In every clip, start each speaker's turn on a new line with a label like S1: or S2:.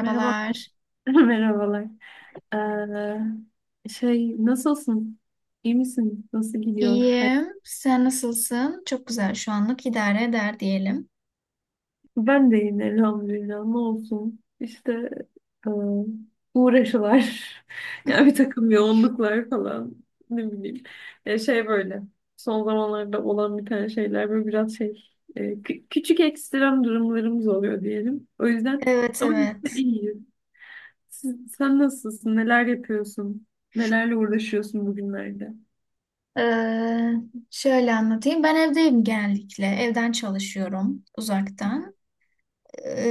S1: Merhabalar. Merhabalar. Nasılsın? İyi misin? Nasıl gidiyor hayat?
S2: İyiyim. Sen nasılsın? Çok güzel. Şu anlık idare eder diyelim.
S1: Ben de iyiyim elhamdülillah. Ne olsun? İşte e, uğraşılar. Yani bir takım yoğunluklar falan. Ne bileyim. Ya şey böyle. Son zamanlarda olan bir tane şeyler böyle biraz şey. Küçük ekstrem durumlarımız oluyor diyelim. O yüzden
S2: Evet,
S1: ama yine de
S2: evet.
S1: iyiyiz. Sen nasılsın? Neler yapıyorsun? Nelerle uğraşıyorsun bugünlerde?
S2: Ee, Şöyle anlatayım. Ben evdeyim genellikle. Evden çalışıyorum uzaktan.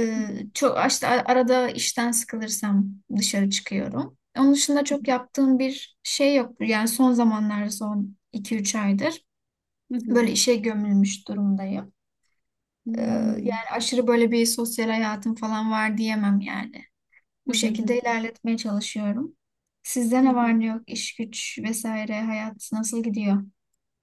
S1: Hı
S2: Çok işte arada işten sıkılırsam dışarı çıkıyorum. Onun dışında çok yaptığım bir şey yok. Yani son zamanlarda son iki üç aydır
S1: hı. Hı hı.
S2: böyle işe gömülmüş durumdayım. Ee,
S1: Hmm.
S2: Yani aşırı böyle bir sosyal hayatım falan var diyemem yani.
S1: Hı
S2: Bu
S1: hı hı.
S2: şekilde ilerletmeye çalışıyorum. Sizde
S1: Hı
S2: ne
S1: hı.
S2: var ne yok? İş güç vesaire hayat nasıl gidiyor?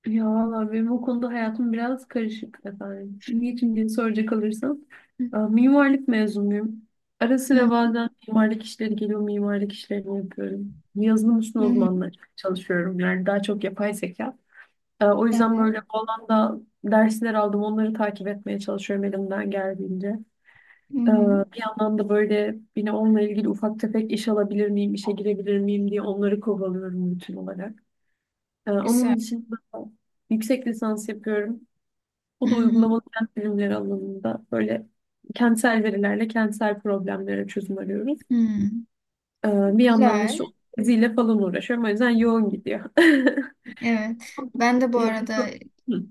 S1: Ya valla benim o konuda hayatım biraz karışık efendim. Niçin diye soracak olursan,
S2: Hı
S1: mimarlık mezunuyum. Ara
S2: hı.
S1: sıra bazen mimarlık işleri geliyor, mimarlık işlerini yapıyorum. Yazılım
S2: Hı
S1: üstüne
S2: hı.
S1: uzmanla çalışıyorum. Yani daha çok yapay zeka. O yüzden
S2: Evet.
S1: böyle bu alanda dersler aldım. Onları takip etmeye çalışıyorum elimden geldiğince.
S2: Hı
S1: Ee,
S2: hı.
S1: bir yandan da böyle yine onunla ilgili ufak tefek iş alabilir miyim, işe girebilir miyim diye onları kovalıyorum bütün olarak.
S2: Güzel.
S1: Onun dışında yüksek lisans yapıyorum.
S2: Hı
S1: O da
S2: hı.
S1: uygulamalı kent bilimleri alanında böyle kentsel verilerle kentsel problemlere çözüm arıyoruz.
S2: Hı.
S1: Ee, bir yandan da
S2: Güzel.
S1: işte o teziyle falan uğraşıyorum. O yüzden yoğun gidiyor.
S2: Evet. Ben de bu
S1: Yani
S2: arada
S1: so- Hı.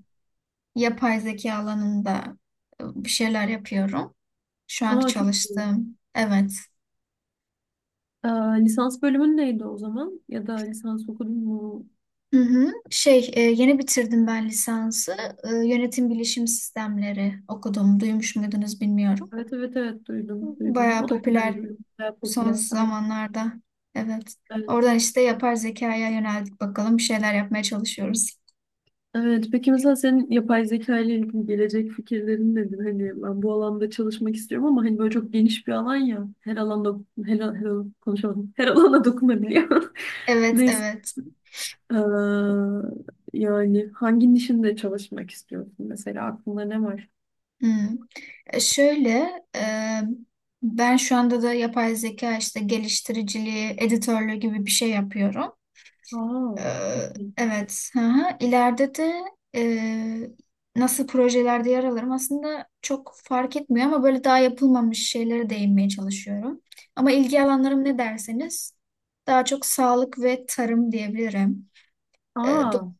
S2: yapay zeka alanında bir şeyler yapıyorum. Şu anki
S1: Aa, çok iyi.
S2: çalıştığım. Evet.
S1: Ee, lisans bölümün neydi o zaman? Ya da lisans okudun mu?
S2: Hı hı. Yeni bitirdim ben lisansı. Yönetim bilişim sistemleri okudum. Duymuş muydunuz bilmiyorum.
S1: Evet evet evet, duydum duydum.
S2: Bayağı
S1: O da güzel
S2: popüler
S1: bir ürün, bayağı
S2: son
S1: popüler. Ay,
S2: zamanlarda. Evet.
S1: evet.
S2: Oradan işte yapar zekaya yöneldik bakalım. Bir şeyler yapmaya çalışıyoruz.
S1: Evet, peki mesela senin yapay zeka ile ilgili gelecek fikirlerin nedir? Hani ben bu alanda çalışmak istiyorum ama hani böyle çok geniş bir alan ya. Her alanda her konuşamadım. Her alana dokunabiliyor.
S2: Evet,
S1: Neyse.
S2: evet.
S1: Ee, yani hangi nişinde çalışmak istiyorsun, mesela aklında ne var?
S2: Hmm. E, Şöyle, e, Ben şu anda da yapay zeka işte geliştiriciliği, editörlüğü gibi bir şey yapıyorum.
S1: Aa,
S2: Ee,
S1: çok iyi.
S2: evet. Hı hı. İleride de e, nasıl projelerde yer alırım aslında çok fark etmiyor ama böyle daha yapılmamış şeylere değinmeye çalışıyorum. Ama ilgi alanlarım ne derseniz daha çok sağlık ve tarım diyebilirim. Ee, do-
S1: Aa.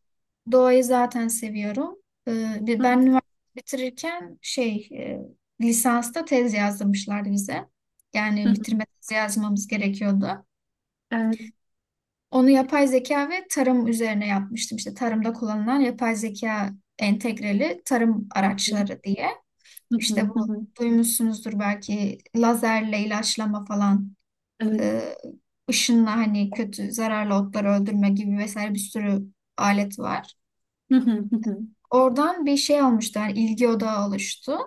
S2: doğayı zaten seviyorum. Ben üniversite bitirirken lisansta tez yazdırmışlardı bize. Yani bitirme tezi yazmamız gerekiyordu.
S1: Evet. Evet.
S2: Onu yapay zeka ve tarım üzerine yapmıştım. İşte tarımda kullanılan yapay zeka entegreli tarım araçları diye.
S1: Hı hı
S2: İşte bu
S1: hı hı.
S2: duymuşsunuzdur belki lazerle ilaçlama falan,
S1: Evet.
S2: e, ışınla hani kötü zararlı otları öldürme gibi vesaire bir sürü alet var.
S1: Hı hı hı hı.
S2: Oradan bir şey olmuştu, yani ilgi odağı oluştu.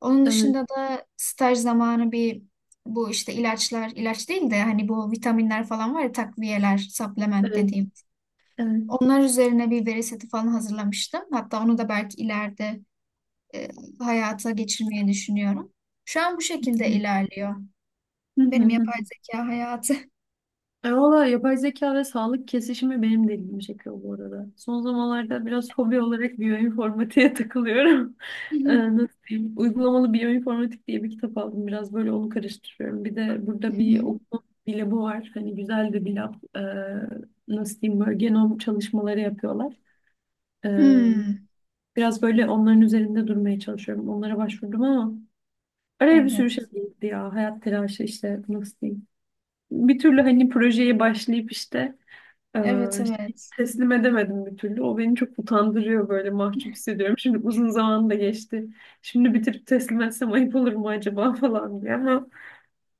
S2: Onun
S1: Evet.
S2: dışında da staj zamanı bir bu işte ilaçlar, ilaç değil de hani bu vitaminler falan var ya takviyeler, supplement
S1: Evet.
S2: dediğim.
S1: Evet.
S2: Onlar üzerine bir veri seti falan hazırlamıştım. Hatta onu da belki ileride e, hayata geçirmeyi düşünüyorum. Şu an bu şekilde
S1: Hı
S2: ilerliyor.
S1: hı hı
S2: Benim
S1: hı.
S2: yapay zeka hayatı.
S1: E valla yapay zeka ve sağlık kesişimi benim de ilgimi çekiyor bu arada. Son zamanlarda biraz hobi olarak biyoinformatiğe takılıyorum.
S2: Hı
S1: Nasıl diyeyim? Uygulamalı biyoinformatik diye bir kitap aldım. Biraz böyle onu karıştırıyorum. Bir de burada bir
S2: hı.
S1: okuma bir labı var. Hani güzel de bir lab. Nasıl diyeyim, böyle genom çalışmaları yapıyorlar. E,
S2: Hmm,
S1: biraz böyle onların üzerinde durmaya çalışıyorum. Onlara başvurdum ama araya bir sürü şey
S2: evet.
S1: girdi ya. Hayat telaşı işte, nasıl diyeyim. Bir türlü hani projeye başlayıp işte e,
S2: Evet, evet.
S1: teslim edemedim bir türlü. O beni çok utandırıyor, böyle mahcup hissediyorum. Şimdi uzun zaman da geçti. Şimdi bitirip teslim etsem ayıp olur mu acaba falan diye ama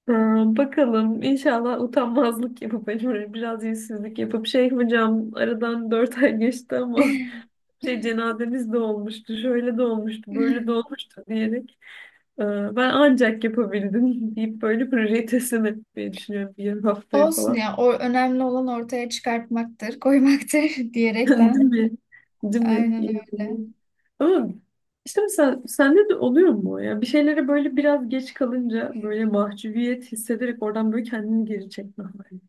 S1: e, bakalım, inşallah utanmazlık yapıp hani böyle biraz yüzsüzlük yapıp şey, hocam aradan 4 ay geçti ama şey, cenazemiz de olmuştu, şöyle de olmuştu, böyle de olmuştu diyerek e, ben ancak yapabildim deyip böyle projeyi teslim etmeyi düşünüyorum bir haftaya
S2: Olsun
S1: falan.
S2: ya. O önemli olan ortaya çıkartmaktır, koymaktır
S1: Değil
S2: diyerekten.
S1: mi? Değil mi?
S2: Aynen öyle.
S1: Yani. Ama işte mesela sende de oluyor mu o ya? Bir şeylere böyle biraz geç kalınca böyle mahcubiyet hissederek oradan böyle kendini geri çekme hali.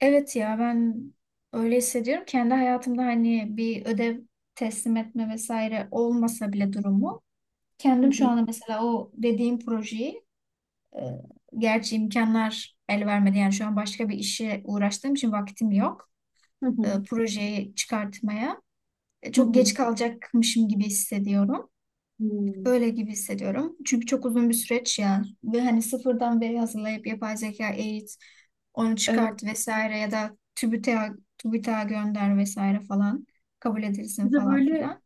S2: Evet ya ben öyle hissediyorum. Kendi hayatımda hani bir ödev teslim etme vesaire olmasa bile durumu
S1: Hı
S2: kendim şu
S1: hı,
S2: anda mesela o dediğim projeyi, e, gerçi imkanlar el vermedi. Yani şu an başka bir işe uğraştığım için vaktim yok.
S1: hı hı,
S2: Projeyi çıkartmaya.
S1: hı
S2: Çok
S1: hı.
S2: geç kalacakmışım gibi hissediyorum.
S1: Hmm.
S2: Öyle gibi hissediyorum. Çünkü çok uzun bir süreç ya. Ve hani sıfırdan veri hazırlayıp yapay zeka eğit, onu
S1: Evet.
S2: çıkart vesaire ya da TÜBİTAK'a gönder vesaire falan kabul edilsin
S1: Bir de
S2: falan
S1: böyle
S2: filan.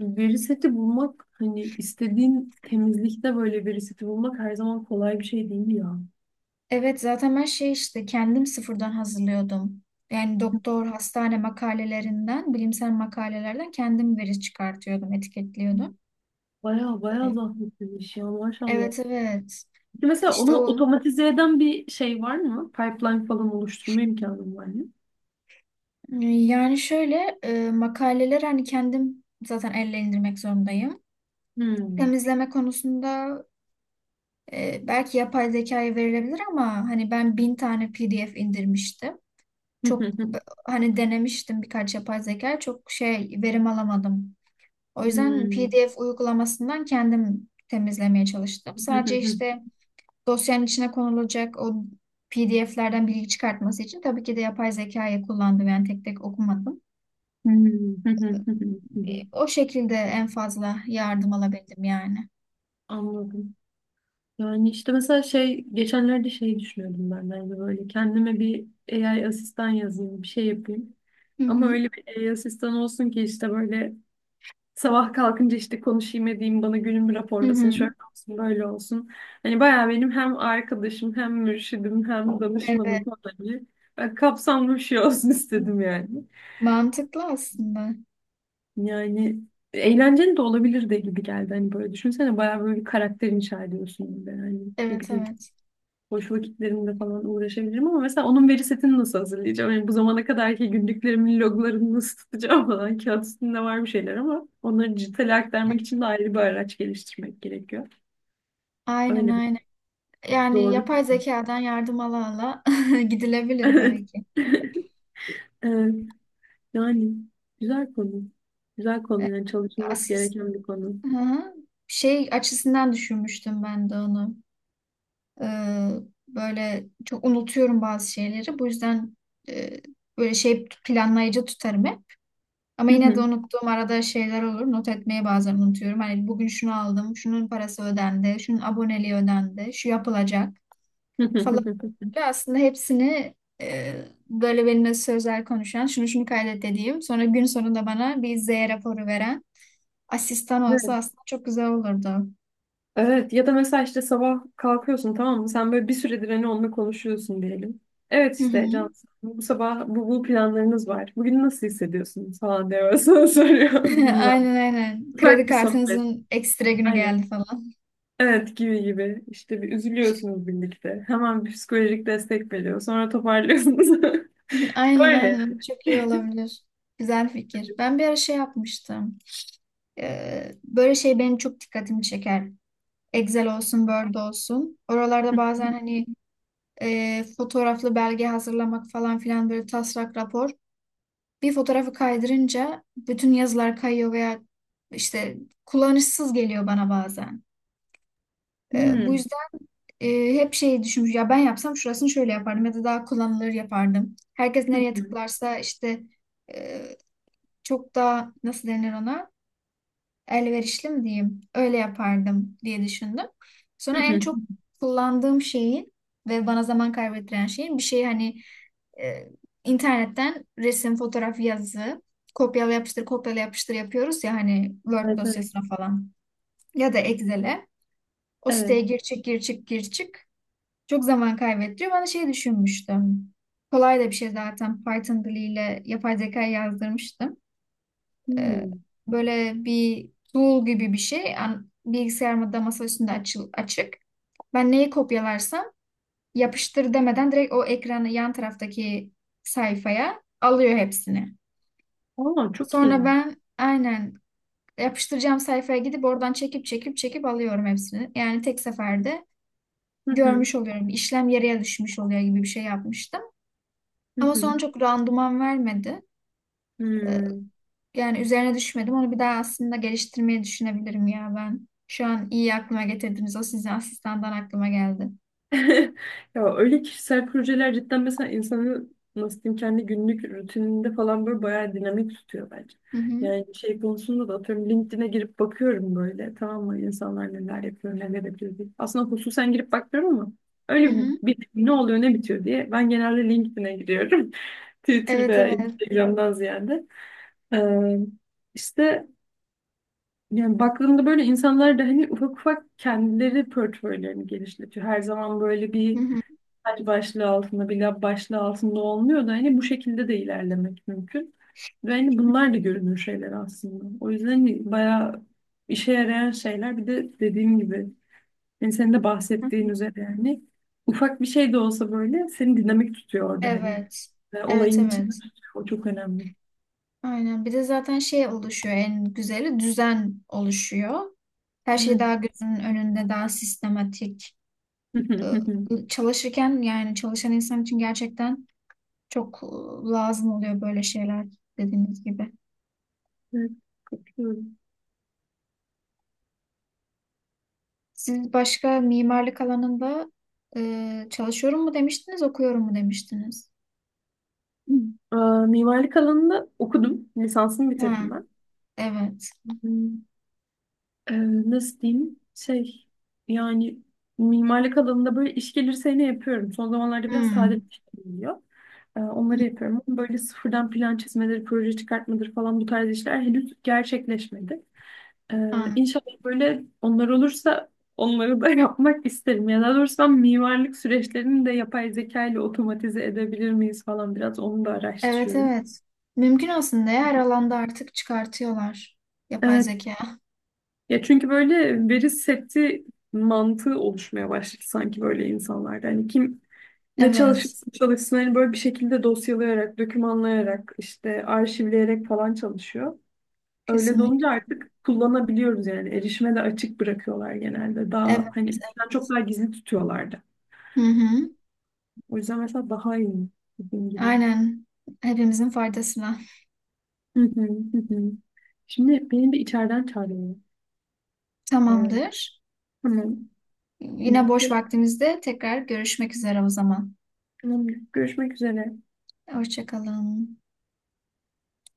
S1: veri seti bulmak, hani istediğin temizlikte böyle veri seti bulmak her zaman kolay bir şey değil ya.
S2: Evet zaten ben şey işte kendim sıfırdan hazırlıyordum. Yani doktor, hastane makalelerinden, bilimsel makalelerden kendim veri çıkartıyordum, etiketliyordum.
S1: Baya baya
S2: Ee,
S1: zahmetli bir iş ya, maşallah.
S2: Evet, evet.
S1: Peki mesela
S2: işte
S1: onu
S2: o
S1: otomatize eden bir şey var mı? Pipeline falan oluşturma imkanın var mı?
S2: yani şöyle, makaleler hani kendim zaten elle indirmek zorundayım.
S1: Hmm.
S2: Temizleme konusunda belki yapay zekaya verilebilir ama hani ben bin tane PDF indirmiştim. Çok hani denemiştim birkaç yapay zeka, çok şey verim alamadım. O yüzden
S1: Hmm.
S2: PDF uygulamasından kendim temizlemeye çalıştım. Sadece işte dosyanın içine konulacak o PDF'lerden bilgi çıkartması için tabii ki de yapay zekayı kullandım. Yani tek tek okumadım.
S1: Hmm.
S2: O şekilde en fazla yardım alabildim yani.
S1: Anladım. Yani işte mesela şey, geçenlerde şey düşünüyordum, ben de hani böyle kendime bir AI asistan yazayım bir şey yapayım.
S2: Hı
S1: Ama
S2: hı.
S1: öyle bir AI asistan olsun ki işte böyle sabah kalkınca işte konuşayım edeyim, bana günümü
S2: Hı
S1: raporlasın,
S2: hı.
S1: şöyle olsun, böyle olsun. Hani bayağı benim hem arkadaşım hem mürşidim hem
S2: Evet.
S1: danışmanım falan gibi. Ben kapsamlı bir şey olsun istedim yani.
S2: Mantıklı aslında.
S1: Yani eğlenceli de olabilirdi gibi geldi. Hani böyle düşünsene, bayağı böyle bir karakter inşa ediyorsun gibi. Hani ne
S2: Evet,
S1: bileyim,
S2: evet.
S1: boş vakitlerimde falan uğraşabilirim ama mesela onun veri setini nasıl hazırlayacağım? Yani bu zamana kadarki günlüklerimin loglarını nasıl tutacağım falan. Kağıt üstünde var bir şeyler ama onları dijitale aktarmak için de ayrı bir araç geliştirmek gerekiyor.
S2: Aynen,
S1: Öyle bir
S2: aynen. Yani
S1: zorluk.
S2: yapay zekadan yardım ala ala gidilebilir belki.
S1: Evet. Evet. Yani güzel konu. Güzel
S2: E,
S1: konu, yani çalışılması
S2: Asist.
S1: gereken bir konu.
S2: Hı hı. Şey açısından düşünmüştüm ben de onu. Ee, Böyle çok unutuyorum bazı şeyleri. Bu yüzden e, böyle şey planlayıcı tutarım hep. Ama yine de unuttuğum arada şeyler olur. Not etmeyi bazen unutuyorum. Hani bugün şunu aldım, şunun parası ödendi, şunun aboneliği ödendi, şu yapılacak falan. Böyle aslında hepsini e, böyle benimle sözel konuşan, şunu şunu kaydet dediğim, sonra gün sonunda bana bir Z raporu veren asistan olsa aslında çok güzel olurdu.
S1: Evet, ya da mesela işte sabah kalkıyorsun, tamam mı? Sen böyle bir süredir hani onunla konuşuyorsun diyelim. Evet
S2: Hı hı.
S1: işte, Can, bu sabah bu planlarınız var. Bugün nasıl hissediyorsun falan diye böyle sana soruyor. Bilmem.
S2: Aynen, aynen. Kredi
S1: Ufak bir sohbet.
S2: kartınızın ekstra günü
S1: Aynen.
S2: geldi falan.
S1: Evet, gibi gibi. İşte bir üzülüyorsunuz birlikte. Hemen bir psikolojik destek veriyor. Sonra toparlıyorsunuz.
S2: Aynen,
S1: Öyle.
S2: aynen, çok iyi olabilir. Güzel fikir. Ben bir ara şey yapmıştım. Böyle şey benim çok dikkatimi çeker. Excel olsun, Word olsun. Oralarda bazen hani fotoğraflı belge hazırlamak falan filan böyle taslak rapor. Bir fotoğrafı kaydırınca bütün yazılar kayıyor veya işte kullanışsız geliyor bana bazen. Bu
S1: Hmm.
S2: yüzden e, hep şeyi düşünmüş. Ya ben yapsam şurasını şöyle yapardım ya da daha kullanılır yapardım. Herkes
S1: Hı
S2: nereye
S1: hı.
S2: tıklarsa işte e, çok daha nasıl denir, ona elverişli mi diyeyim, öyle yapardım diye düşündüm.
S1: Hı
S2: Sonra en
S1: hı.
S2: çok kullandığım şeyin ve bana zaman kaybettiren şeyin bir şey hani e, internetten resim, fotoğraf, yazı kopyala yapıştır kopyala yapıştır yapıyoruz ya hani Word
S1: Evet. Evet.
S2: dosyasına falan ya da Excel'e. O
S1: Evet.
S2: siteye gir çık gir çık gir çık. Çok zaman kaybettiriyor. Ben de şey düşünmüştüm. Kolay da bir şey zaten. Python diliyle yapay zeka yazdırmıştım. e,
S1: Hmm.
S2: Böyle bir tool gibi bir şey. Bilgisayarımda masa üstünde açık. Ben neyi kopyalarsam yapıştır demeden direkt o ekranı yan taraftaki sayfaya alıyor hepsini.
S1: Aa, çok
S2: Sonra
S1: iyi.
S2: ben aynen yapıştıracağım sayfaya gidip oradan çekip çekip çekip alıyorum hepsini. Yani tek seferde
S1: Hı hı.
S2: görmüş oluyorum. İşlem yarıya düşmüş oluyor gibi bir şey yapmıştım.
S1: Hı
S2: Ama
S1: hı.
S2: sonra çok randıman vermedi.
S1: Hmm.
S2: Yani üzerine düşmedim. Onu bir daha aslında geliştirmeyi düşünebilirim ya ben. Şu an iyi aklıma getirdiniz. O sizin asistandan aklıma geldi.
S1: Ya öyle kişisel projeler cidden mesela insanı, nasıl diyeyim, kendi günlük rutininde falan böyle bayağı dinamik tutuyor bence.
S2: Hı hı.
S1: Yani şey konusunda da atıyorum LinkedIn'e girip bakıyorum, böyle tamam mı, insanlar neler yapıyor neler yapıyor diye. Aslında hususen girip bakmıyorum ama
S2: Hı
S1: öyle
S2: hı.
S1: bir ne oluyor ne bitiyor diye ben genelde LinkedIn'e giriyorum. Twitter
S2: Evet,
S1: veya
S2: evet.
S1: Instagram'dan ziyade. Ee, işte yani baktığımda böyle, insanlar da hani ufak ufak kendileri portföylerini genişletiyor. Her zaman böyle
S2: Hı
S1: bir
S2: hı.
S1: hadi başlığı altında, bir lab başlığı altında olmuyor da hani bu şekilde de ilerlemek mümkün. Ve hani bunlar da görünür şeyler aslında. O yüzden hani bayağı işe yarayan şeyler, bir de dediğim gibi hani senin de
S2: Hı
S1: bahsettiğin
S2: hı.
S1: üzere yani ufak bir şey de olsa böyle seni dinamik tutuyor orada hani.
S2: Evet.
S1: Ve
S2: Evet,
S1: olayın içinde
S2: evet.
S1: tutuyor. O çok önemli.
S2: Aynen. Bir de zaten şey oluşuyor, en güzeli düzen oluşuyor. Her şey daha
S1: Evet.
S2: gözünün önünde, daha sistematik. Ee, Çalışırken yani çalışan insan için gerçekten çok lazım oluyor böyle şeyler dediğiniz gibi.
S1: Evet, katılıyorum.
S2: Siz başka mimarlık alanında çalışıyorum mu demiştiniz, okuyorum mu demiştiniz?
S1: Ee, mimarlık alanında okudum. Lisansımı
S2: Ha,
S1: bitirdim
S2: evet.
S1: ben. Ee, nasıl diyeyim? Şey yani, mimarlık alanında böyle iş gelirse ne yapıyorum? Son zamanlarda biraz sade bir
S2: Hmm,
S1: şey geliyor. Onları yapıyorum. Ama böyle sıfırdan plan çizmeleri, proje çıkartmaları falan bu tarz işler henüz gerçekleşmedi.
S2: an-
S1: İnşallah böyle onlar olursa onları da yapmak isterim. Ya daha doğrusu ben mimarlık süreçlerini de yapay zeka ile otomatize edebilir miyiz falan, biraz onu da
S2: evet,
S1: araştırıyorum.
S2: evet. Mümkün aslında ya, her alanda artık çıkartıyorlar yapay
S1: Evet.
S2: zeka.
S1: Ya çünkü böyle veri seti mantığı oluşmaya başladı sanki böyle insanlarda. Hani kim ne
S2: Evet,
S1: çalışırsa çalışsın hani böyle bir şekilde dosyalayarak, dokümanlayarak, işte arşivleyerek falan çalışıyor. Öyle de
S2: kesinlikle.
S1: olunca artık kullanabiliyoruz yani. Erişime de açık bırakıyorlar genelde.
S2: Evet,
S1: Daha hani
S2: evet.
S1: eskiden çok daha gizli tutuyorlardı.
S2: Hı hı.
S1: O yüzden mesela daha iyi, dediğim gibi.
S2: Aynen. Hepimizin faydasına.
S1: Hı hı, hı hı. Şimdi benim bir içeriden çağırıyor. Aa,
S2: Tamamdır.
S1: tamam. Hı,
S2: Yine boş
S1: peki,
S2: vaktimizde tekrar görüşmek üzere o zaman.
S1: tamam. Görüşmek üzere.
S2: Hoşça kalın.